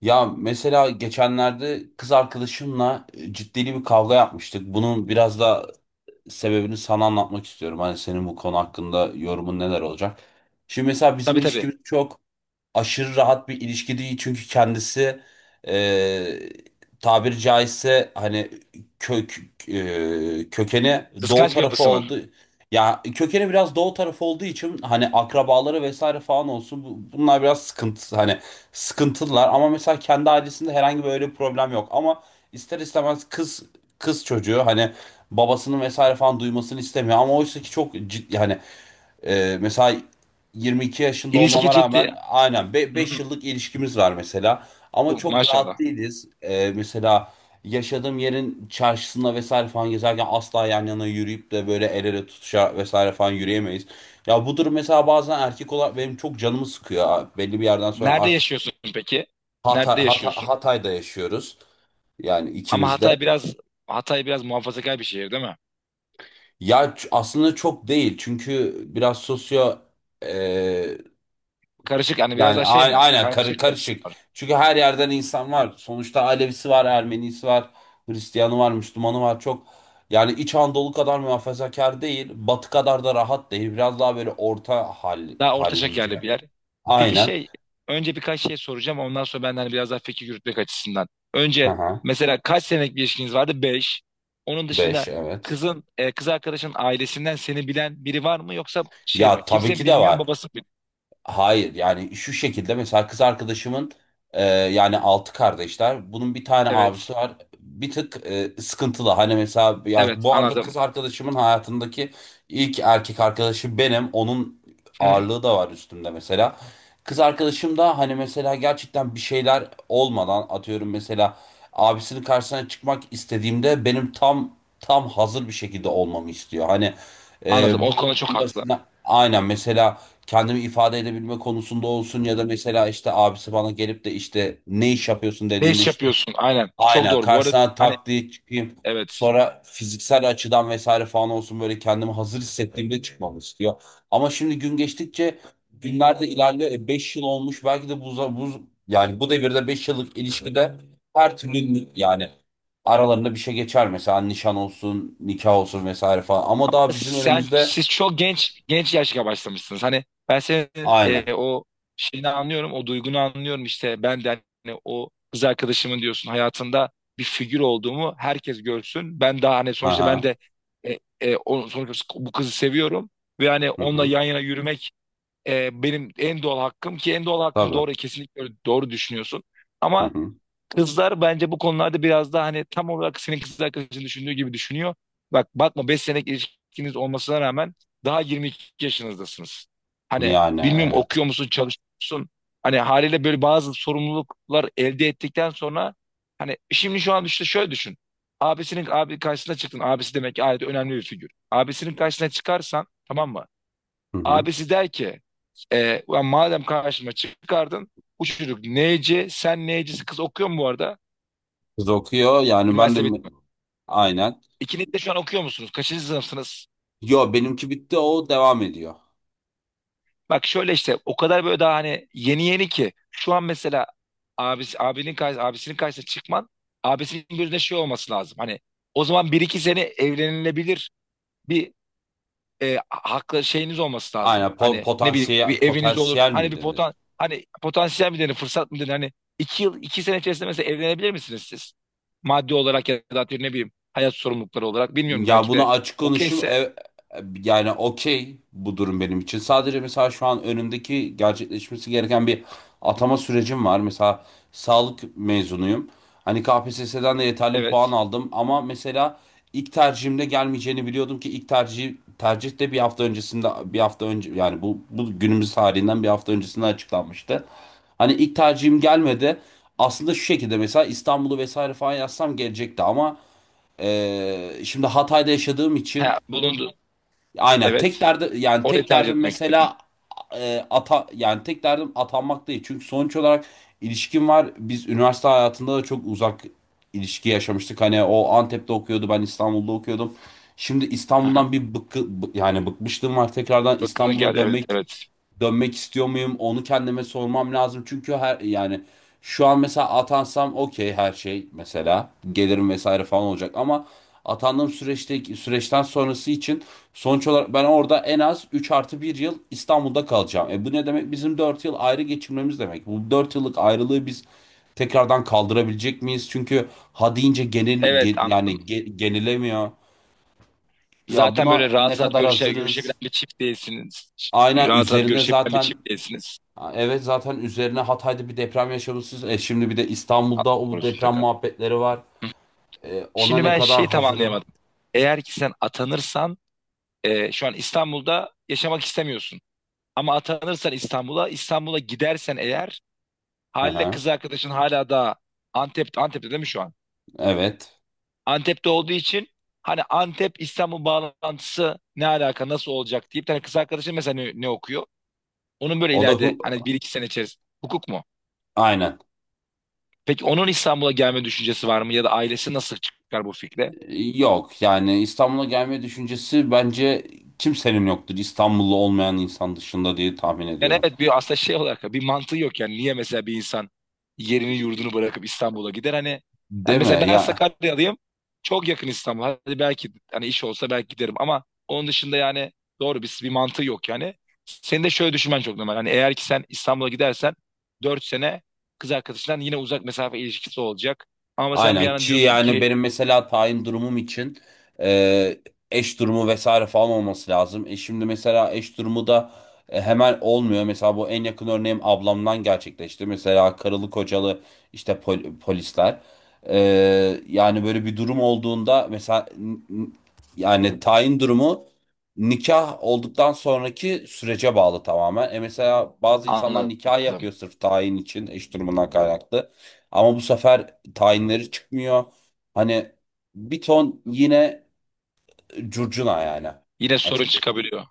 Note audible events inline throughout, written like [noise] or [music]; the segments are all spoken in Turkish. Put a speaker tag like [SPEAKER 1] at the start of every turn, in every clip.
[SPEAKER 1] Ya mesela geçenlerde kız arkadaşımla ciddi bir kavga yapmıştık. Bunun biraz da sebebini sana anlatmak istiyorum. Hani senin bu konu hakkında yorumun neler olacak? Şimdi mesela bizim
[SPEAKER 2] Tabii tabii.
[SPEAKER 1] ilişkimiz çok aşırı rahat bir ilişki değil, çünkü kendisi, e, tabiri caizse hani kök kökeni doğu
[SPEAKER 2] Kıskanç bir
[SPEAKER 1] tarafı
[SPEAKER 2] yapısı var.
[SPEAKER 1] oldu. Ya kökeni biraz doğu tarafı olduğu için hani akrabaları vesaire falan olsun, bunlar biraz sıkıntı, hani sıkıntılılar. Ama mesela kendi ailesinde herhangi böyle bir problem yok, ama ister istemez kız çocuğu hani babasının vesaire falan duymasını istemiyor, ama oysa ki çok ciddi yani mesela 22 yaşında
[SPEAKER 2] İlişki
[SPEAKER 1] olmama
[SPEAKER 2] ciddi.
[SPEAKER 1] rağmen aynen
[SPEAKER 2] Hı
[SPEAKER 1] beş
[SPEAKER 2] hı.
[SPEAKER 1] yıllık ilişkimiz var mesela. Ama
[SPEAKER 2] Uh,
[SPEAKER 1] çok rahat
[SPEAKER 2] maşallah.
[SPEAKER 1] değiliz. Mesela yaşadığım yerin çarşısında vesaire falan gezerken asla yan yana yürüyüp de böyle el ele tutuşa vesaire falan yürüyemeyiz. Ya bu durum mesela bazen erkek olarak benim çok canımı sıkıyor. Belli bir yerden sonra
[SPEAKER 2] Nerede
[SPEAKER 1] artık...
[SPEAKER 2] yaşıyorsun peki?
[SPEAKER 1] Hatay,
[SPEAKER 2] Nerede
[SPEAKER 1] Hatay-
[SPEAKER 2] yaşıyorsun?
[SPEAKER 1] Hatay'da yaşıyoruz. Yani
[SPEAKER 2] Ama
[SPEAKER 1] ikimiz de.
[SPEAKER 2] Hatay biraz muhafazakar bir şehir değil mi?
[SPEAKER 1] Ya aslında çok değil. Çünkü biraz sosyo ee,
[SPEAKER 2] Karışık hani biraz
[SPEAKER 1] Yani
[SPEAKER 2] daha şey mi?
[SPEAKER 1] aynen
[SPEAKER 2] Karmaşık bir yapısı
[SPEAKER 1] karışık.
[SPEAKER 2] var.
[SPEAKER 1] Çünkü her yerden insan var. Sonuçta Alevisi var, Ermenisi var, Hristiyanı var, Müslümanı var. Çok yani, İç Anadolu kadar muhafazakar değil, Batı kadar da rahat değil. Biraz daha böyle orta
[SPEAKER 2] Daha orta şekerli
[SPEAKER 1] hallimce.
[SPEAKER 2] bir yer. Peki
[SPEAKER 1] Aynen.
[SPEAKER 2] şey önce birkaç şey soracağım ondan sonra ben de hani biraz daha fikir yürütmek açısından. Önce
[SPEAKER 1] Aha.
[SPEAKER 2] mesela kaç senelik bir ilişkiniz vardı? Beş. Onun
[SPEAKER 1] Beş,
[SPEAKER 2] dışında
[SPEAKER 1] evet.
[SPEAKER 2] kız arkadaşın ailesinden seni bilen biri var mı yoksa şey
[SPEAKER 1] Ya
[SPEAKER 2] mi?
[SPEAKER 1] tabii
[SPEAKER 2] Kimse
[SPEAKER 1] ki de
[SPEAKER 2] bilmiyor
[SPEAKER 1] var.
[SPEAKER 2] babası mı?
[SPEAKER 1] Hayır, yani şu şekilde mesela kız arkadaşımın yani altı kardeşler. Bunun bir tane abisi
[SPEAKER 2] Evet.
[SPEAKER 1] var. Bir tık sıkıntılı. Hani mesela ya,
[SPEAKER 2] Evet
[SPEAKER 1] bu arada
[SPEAKER 2] anladım.
[SPEAKER 1] kız arkadaşımın hayatındaki ilk erkek arkadaşı benim. Onun
[SPEAKER 2] Hı hı.
[SPEAKER 1] ağırlığı da var üstümde mesela. Kız arkadaşım da hani mesela gerçekten bir şeyler olmadan atıyorum mesela abisinin karşısına çıkmak istediğimde benim tam hazır bir şekilde olmamı istiyor. Hani
[SPEAKER 2] Anladım. O
[SPEAKER 1] bu
[SPEAKER 2] konuda çok
[SPEAKER 1] en
[SPEAKER 2] haklı.
[SPEAKER 1] basitinden aynen mesela kendimi ifade edebilme konusunda olsun, ya da mesela işte abisi bana gelip de işte ne iş yapıyorsun
[SPEAKER 2] Ne
[SPEAKER 1] dediğimde
[SPEAKER 2] iş
[SPEAKER 1] işte
[SPEAKER 2] yapıyorsun? Aynen. Çok
[SPEAKER 1] aynen
[SPEAKER 2] doğru. Bu arada
[SPEAKER 1] karşısına
[SPEAKER 2] hani
[SPEAKER 1] tak diye çıkayım.
[SPEAKER 2] evet.
[SPEAKER 1] Sonra fiziksel açıdan vesaire falan olsun böyle kendimi hazır hissettiğimde çıkmamı istiyor. Ama şimdi gün geçtikçe günler de ilerliyor. 5 yıl olmuş, belki de bu, bu devirde 5 yıllık ilişkide her türlü yani aralarında bir şey geçer, mesela nişan olsun, nikah olsun vesaire falan. Ama daha bizim
[SPEAKER 2] Sen
[SPEAKER 1] önümüzde...
[SPEAKER 2] siz çok genç genç yaşta başlamışsınız. Hani ben senin
[SPEAKER 1] aynen.
[SPEAKER 2] o şeyini anlıyorum. O duygunu anlıyorum işte. Ben de hani o kız arkadaşımın diyorsun hayatında bir figür olduğumu herkes görsün. Ben daha hani sonuçta ben
[SPEAKER 1] Aha.
[SPEAKER 2] de sonuçta bu kızı seviyorum ve hani
[SPEAKER 1] Hı
[SPEAKER 2] onunla
[SPEAKER 1] hı.
[SPEAKER 2] yan yana yürümek benim en doğal hakkım ki en doğal hakkım
[SPEAKER 1] Tabii.
[SPEAKER 2] doğru kesinlikle doğru düşünüyorsun.
[SPEAKER 1] Hı
[SPEAKER 2] Ama
[SPEAKER 1] hı.
[SPEAKER 2] kızlar bence bu konularda biraz daha hani tam olarak senin kız arkadaşın düşündüğü gibi düşünüyor. Bak bakma 5 senelik ilişkiniz olmasına rağmen daha 22 yaşınızdasınız. Hani
[SPEAKER 1] Yani
[SPEAKER 2] bilmiyorum
[SPEAKER 1] evet.
[SPEAKER 2] okuyor musun, çalışıyor musun? Hani haliyle böyle bazı sorumluluklar elde ettikten sonra hani şimdi şu an işte şöyle düşün. Abisinin abi karşısına çıktın. Abisi demek ki ailede önemli bir figür. Abisinin karşısına çıkarsan tamam mı?
[SPEAKER 1] Hı hı.
[SPEAKER 2] Abisi der ki "Ulan madem karşıma çıkardın bu çocuk neyci sen neycisi kız okuyor mu bu arada?
[SPEAKER 1] Kız okuyor, yani ben de...
[SPEAKER 2] Üniversite bitme.
[SPEAKER 1] Aynen.
[SPEAKER 2] İkiniz de şu an okuyor musunuz? Kaçıncı sınıfsınız?
[SPEAKER 1] Yo, benimki bitti, o devam ediyor.
[SPEAKER 2] Bak şöyle işte o kadar böyle daha hani yeni yeni ki şu an mesela abisinin karşısına çıkman abisinin gözünde şey olması lazım. Hani o zaman bir iki sene evlenilebilir bir haklı şeyiniz olması lazım.
[SPEAKER 1] Aynen,
[SPEAKER 2] Hani ne bileyim bir eviniz olur.
[SPEAKER 1] potansiyel
[SPEAKER 2] Hani
[SPEAKER 1] mi
[SPEAKER 2] bir
[SPEAKER 1] denir?
[SPEAKER 2] potansiyel mi denir fırsat mı denir? Hani iki sene içerisinde mesela evlenebilir misiniz siz? Maddi olarak ya da atıyorum ne bileyim hayat sorumlulukları olarak bilmiyorum
[SPEAKER 1] Ya
[SPEAKER 2] belki
[SPEAKER 1] bunu
[SPEAKER 2] de
[SPEAKER 1] açık konuşayım.
[SPEAKER 2] okeyse
[SPEAKER 1] Yani okey, bu durum benim için. Sadece mesela şu an önümdeki gerçekleşmesi gereken bir atama sürecim var. Mesela sağlık mezunuyum. Hani KPSS'den de yeterli puan
[SPEAKER 2] evet.
[SPEAKER 1] aldım, ama mesela ilk tercihimde gelmeyeceğini biliyordum ki ilk tercih de bir hafta önce, yani bu günümüz tarihinden bir hafta öncesinde açıklanmıştı. Hani ilk tercihim gelmedi. Aslında şu şekilde, mesela İstanbul'u vesaire falan yazsam gelecekti, ama şimdi Hatay'da yaşadığım için
[SPEAKER 2] Ha, bulundu.
[SPEAKER 1] aynen
[SPEAKER 2] Evet. Orayı
[SPEAKER 1] tek
[SPEAKER 2] tercih
[SPEAKER 1] derdim
[SPEAKER 2] etmek
[SPEAKER 1] mesela e, ata yani tek derdim atanmak değil. Çünkü sonuç olarak ilişkim var. Biz üniversite hayatında da çok uzak ilişki yaşamıştık. Hani o Antep'te okuyordu, ben İstanbul'da okuyordum. Şimdi
[SPEAKER 2] istedim.
[SPEAKER 1] İstanbul'dan bir bıkkı, bı- yani bıkmışlığım var. Tekrardan
[SPEAKER 2] [laughs] Bakını
[SPEAKER 1] İstanbul'a
[SPEAKER 2] gel. Evet,
[SPEAKER 1] dönmek
[SPEAKER 2] evet.
[SPEAKER 1] dönmek istiyor muyum? Onu kendime sormam lazım. Çünkü yani şu an mesela atansam okey, her şey mesela gelirim vesaire falan olacak, ama atandığım süreçten sonrası için sonuç olarak ben orada en az 3 artı bir yıl İstanbul'da kalacağım. Bu ne demek? Bizim 4 yıl ayrı geçirmemiz demek. Bu 4 yıllık ayrılığı biz tekrardan kaldırabilecek miyiz? Çünkü ha deyince
[SPEAKER 2] Evet, anladım.
[SPEAKER 1] genelemiyor. Ya,
[SPEAKER 2] Zaten
[SPEAKER 1] buna
[SPEAKER 2] böyle
[SPEAKER 1] ne
[SPEAKER 2] rahat rahat
[SPEAKER 1] kadar hazırız?
[SPEAKER 2] görüşebilen bir çift değilsiniz.
[SPEAKER 1] Aynen,
[SPEAKER 2] Rahat rahat
[SPEAKER 1] üzerine
[SPEAKER 2] görüşebilen bir çift
[SPEAKER 1] zaten...
[SPEAKER 2] değilsiniz.
[SPEAKER 1] Ha, evet, zaten üzerine Hatay'da bir deprem yaşamışsınız. Şimdi bir de
[SPEAKER 2] Allah
[SPEAKER 1] İstanbul'da o
[SPEAKER 2] korusun
[SPEAKER 1] deprem
[SPEAKER 2] tekrar.
[SPEAKER 1] muhabbetleri var.
[SPEAKER 2] Hı.
[SPEAKER 1] Ona
[SPEAKER 2] Şimdi
[SPEAKER 1] ne
[SPEAKER 2] ben
[SPEAKER 1] kadar
[SPEAKER 2] şeyi tam
[SPEAKER 1] hazırım?
[SPEAKER 2] anlayamadım. Eğer ki sen atanırsan şu an İstanbul'da yaşamak istemiyorsun. Ama atanırsan İstanbul'a, gidersen eğer
[SPEAKER 1] Hı
[SPEAKER 2] haliyle
[SPEAKER 1] hı.
[SPEAKER 2] kız arkadaşın hala da Antep'te değil mi şu an?
[SPEAKER 1] Evet.
[SPEAKER 2] Antep'te olduğu için hani Antep İstanbul bağlantısı ne alaka nasıl olacak diye bir tane kız arkadaşım mesela ne okuyor? Onun böyle
[SPEAKER 1] O da
[SPEAKER 2] ileride hani bir iki sene içerisinde hukuk mu?
[SPEAKER 1] aynen.
[SPEAKER 2] Peki onun İstanbul'a gelme düşüncesi var mı ya da ailesi nasıl çıkar bu fikre?
[SPEAKER 1] Yok yani İstanbul'a gelme düşüncesi bence kimsenin yoktur. İstanbullu olmayan insan dışında diye tahmin
[SPEAKER 2] Yani
[SPEAKER 1] ediyorum.
[SPEAKER 2] evet bir aslında şey olarak bir mantığı yok yani niye mesela bir insan yerini yurdunu bırakıp İstanbul'a gider hani yani
[SPEAKER 1] Değil mi?
[SPEAKER 2] mesela ben
[SPEAKER 1] Ya...
[SPEAKER 2] Sakaryalıyım çok yakın İstanbul, hadi belki hani iş olsa belki giderim ama onun dışında yani doğru bir mantığı yok yani senin de şöyle düşünmen çok normal hani eğer ki sen İstanbul'a gidersen 4 sene kız arkadaşından yine uzak mesafe ilişkisi olacak ama sen bir
[SPEAKER 1] Aynen,
[SPEAKER 2] yandan
[SPEAKER 1] ki
[SPEAKER 2] diyorsun
[SPEAKER 1] yani
[SPEAKER 2] ki
[SPEAKER 1] benim mesela tayin durumum için e, eş durumu vesaire falan olması lazım. Şimdi mesela eş durumu da hemen olmuyor. Mesela bu en yakın örneğim ablamdan gerçekleşti. Mesela karılı kocalı işte polisler. E, Yani böyle bir durum olduğunda mesela yani tayin durumu nikah olduktan sonraki sürece bağlı tamamen. Mesela bazı insanlar nikah
[SPEAKER 2] anladım
[SPEAKER 1] yapıyor sırf tayin için, eş durumundan kaynaklı. Ama bu sefer tayinleri çıkmıyor. Hani bir ton yine curcuna yani,
[SPEAKER 2] yine sorun
[SPEAKER 1] açıkçası.
[SPEAKER 2] çıkabiliyor.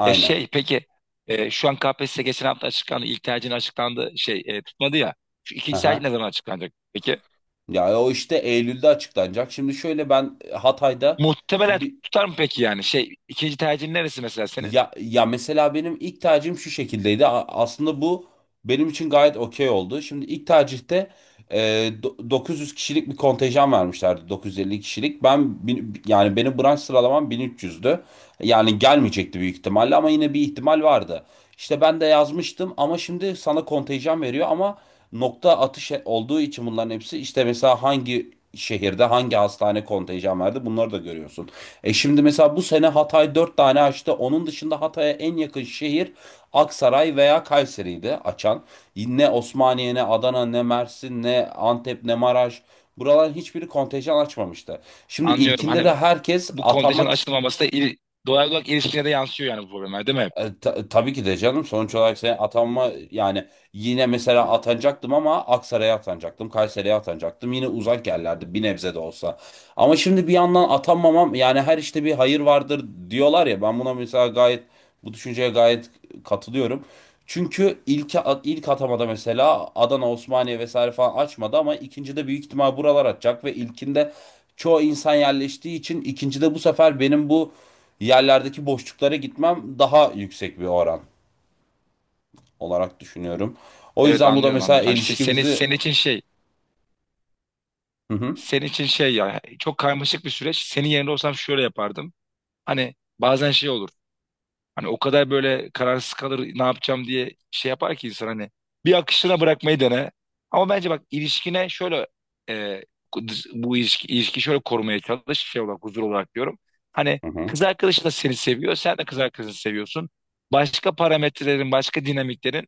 [SPEAKER 2] Ya şey peki şu an KPSS geçen hafta açıklandı. İlk tercihin açıklandı. Şey tutmadı ya. Şu ikinci tercih ne
[SPEAKER 1] Aha.
[SPEAKER 2] zaman açıklanacak? Peki
[SPEAKER 1] Ya, o işte Eylül'de açıklanacak. Şimdi şöyle, ben Hatay'da
[SPEAKER 2] muhtemelen
[SPEAKER 1] bir
[SPEAKER 2] tutar mı peki yani? Şey ikinci tercihin neresi mesela senin?
[SPEAKER 1] ya, ya mesela benim ilk tercihim şu şekildeydi. Aslında bu benim için gayet okey oldu. Şimdi ilk tercihte e, 900 kişilik bir kontenjan vermişlerdi. 950 kişilik. Benim branş sıralamam 1300'dü. Yani gelmeyecekti büyük ihtimalle, ama yine bir ihtimal vardı. İşte ben de yazmıştım, ama şimdi sana kontenjan veriyor ama nokta atış olduğu için bunların hepsi, işte mesela hangi şehirde hangi hastane kontenjan verdi bunları da görüyorsun. Şimdi mesela bu sene Hatay 4 tane açtı. Onun dışında Hatay'a en yakın şehir Aksaray veya Kayseri'ydi açan. Ne Osmaniye, ne Adana, ne Mersin, ne Antep, ne Maraş. Buraların hiçbiri kontenjan açmamıştı. Şimdi
[SPEAKER 2] Anlıyorum
[SPEAKER 1] ilkinde de
[SPEAKER 2] hani
[SPEAKER 1] herkes
[SPEAKER 2] bu
[SPEAKER 1] atanmak...
[SPEAKER 2] kontenjanın açılmaması da doğal olarak ilişkine de yansıyor yani bu problemler değil mi?
[SPEAKER 1] Tabii ki de canım, sonuç olarak sen atanma yani yine mesela atanacaktım ama Aksaray'a atanacaktım, Kayseri'ye atanacaktım. Yine uzak yerlerdi bir nebze de olsa. Ama şimdi bir yandan atanmamam yani, her işte bir hayır vardır diyorlar ya, ben buna mesela gayet, bu düşünceye gayet katılıyorum. Çünkü ilk atamada mesela Adana, Osmaniye vesaire falan açmadı, ama ikincide büyük ihtimal buralar atacak ve ilkinde çoğu insan yerleştiği için ikincide bu sefer benim bu yerlerdeki boşluklara gitmem daha yüksek bir oran olarak düşünüyorum. O
[SPEAKER 2] Evet
[SPEAKER 1] yüzden bu da
[SPEAKER 2] anlıyorum
[SPEAKER 1] mesela
[SPEAKER 2] anlıyorum. Hani şey,
[SPEAKER 1] ilişkimizi...
[SPEAKER 2] senin için şey
[SPEAKER 1] Hı hı.
[SPEAKER 2] senin için şey ya çok karmaşık bir süreç. Senin yerinde olsam şöyle yapardım. Hani bazen şey olur. Hani o kadar böyle kararsız kalır ne yapacağım diye şey yapar ki insan hani bir akışına bırakmayı dene. Ama bence bak ilişkine şöyle e, bu ilişki şöyle korumaya çalış şey olarak huzur olarak diyorum. Hani
[SPEAKER 1] Hı hı.
[SPEAKER 2] kız arkadaşın da seni seviyor sen de kız arkadaşını seviyorsun. Başka parametrelerin başka dinamiklerin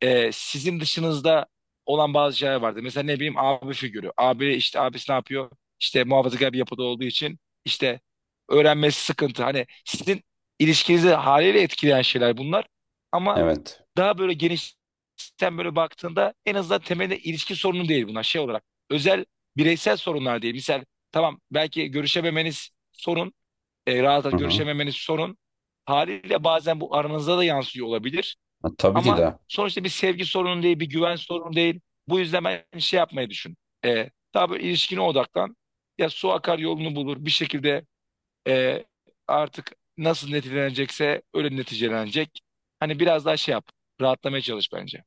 [SPEAKER 2] sizin dışınızda olan bazı şeyler vardı. Mesela ne bileyim abi figürü. Abi işte abisi ne yapıyor? İşte muhafazakar bir yapıda olduğu için işte öğrenmesi sıkıntı. Hani sizin ilişkinizi haliyle etkileyen şeyler bunlar. Ama
[SPEAKER 1] Evet.
[SPEAKER 2] daha böyle geniş sen böyle baktığında en azından temelde ilişki sorunu değil bunlar şey olarak. Özel bireysel sorunlar değil. Misal tamam belki görüşememeniz sorun. Rahat
[SPEAKER 1] Hı
[SPEAKER 2] rahat
[SPEAKER 1] hı.
[SPEAKER 2] görüşememeniz sorun. Haliyle bazen bu aranızda da yansıyor olabilir.
[SPEAKER 1] Ha, tabii ki
[SPEAKER 2] Ama
[SPEAKER 1] de.
[SPEAKER 2] sonuçta bir sevgi sorunu değil, bir güven sorunu değil. Bu yüzden ben şey yapmayı düşün. Daha böyle ilişkine odaklan. Ya su akar yolunu bulur. Bir şekilde e, artık nasıl neticelenecekse öyle neticelenecek. Hani biraz daha şey yap. Rahatlamaya çalış bence.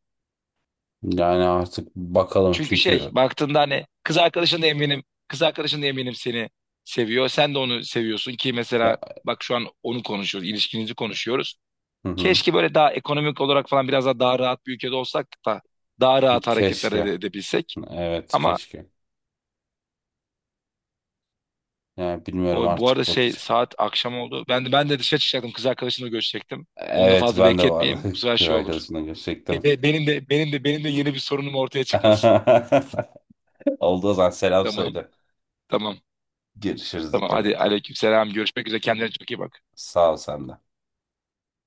[SPEAKER 1] Yani artık bakalım,
[SPEAKER 2] Çünkü şey
[SPEAKER 1] çünkü
[SPEAKER 2] baktığında hani kız arkadaşın da eminim. Kız arkadaşın da eminim seni seviyor. Sen de onu seviyorsun ki
[SPEAKER 1] ya,
[SPEAKER 2] mesela bak şu an onu konuşuyoruz. İlişkinizi konuşuyoruz.
[SPEAKER 1] hı hı.
[SPEAKER 2] Keşke böyle daha ekonomik olarak falan biraz daha rahat bir ülkede olsak da daha rahat hareketler
[SPEAKER 1] Keşke.
[SPEAKER 2] edebilsek.
[SPEAKER 1] Evet,
[SPEAKER 2] Ama
[SPEAKER 1] keşke. Yani bilmiyorum,
[SPEAKER 2] bu arada
[SPEAKER 1] artık
[SPEAKER 2] şey
[SPEAKER 1] bakacağım.
[SPEAKER 2] saat akşam oldu. Ben de dışarı çıkacaktım. Kız arkadaşımla görüşecektim. Onu da
[SPEAKER 1] Evet,
[SPEAKER 2] fazla
[SPEAKER 1] ben de vardı.
[SPEAKER 2] bekletmeyeyim. Bu
[SPEAKER 1] [laughs]
[SPEAKER 2] sefer
[SPEAKER 1] Kız
[SPEAKER 2] şey olur.
[SPEAKER 1] arkadaşımla görüşecektim.
[SPEAKER 2] Benim de yeni bir sorunum ortaya çıkmasın.
[SPEAKER 1] [laughs] Olduğu zaman selam
[SPEAKER 2] Tamam.
[SPEAKER 1] söyle.
[SPEAKER 2] Tamam.
[SPEAKER 1] Görüşürüz,
[SPEAKER 2] Tamam.
[SPEAKER 1] dikkat
[SPEAKER 2] Hadi
[SPEAKER 1] et.
[SPEAKER 2] aleykümselam. Görüşmek üzere. Kendine çok iyi bak.
[SPEAKER 1] Sağ ol sen de.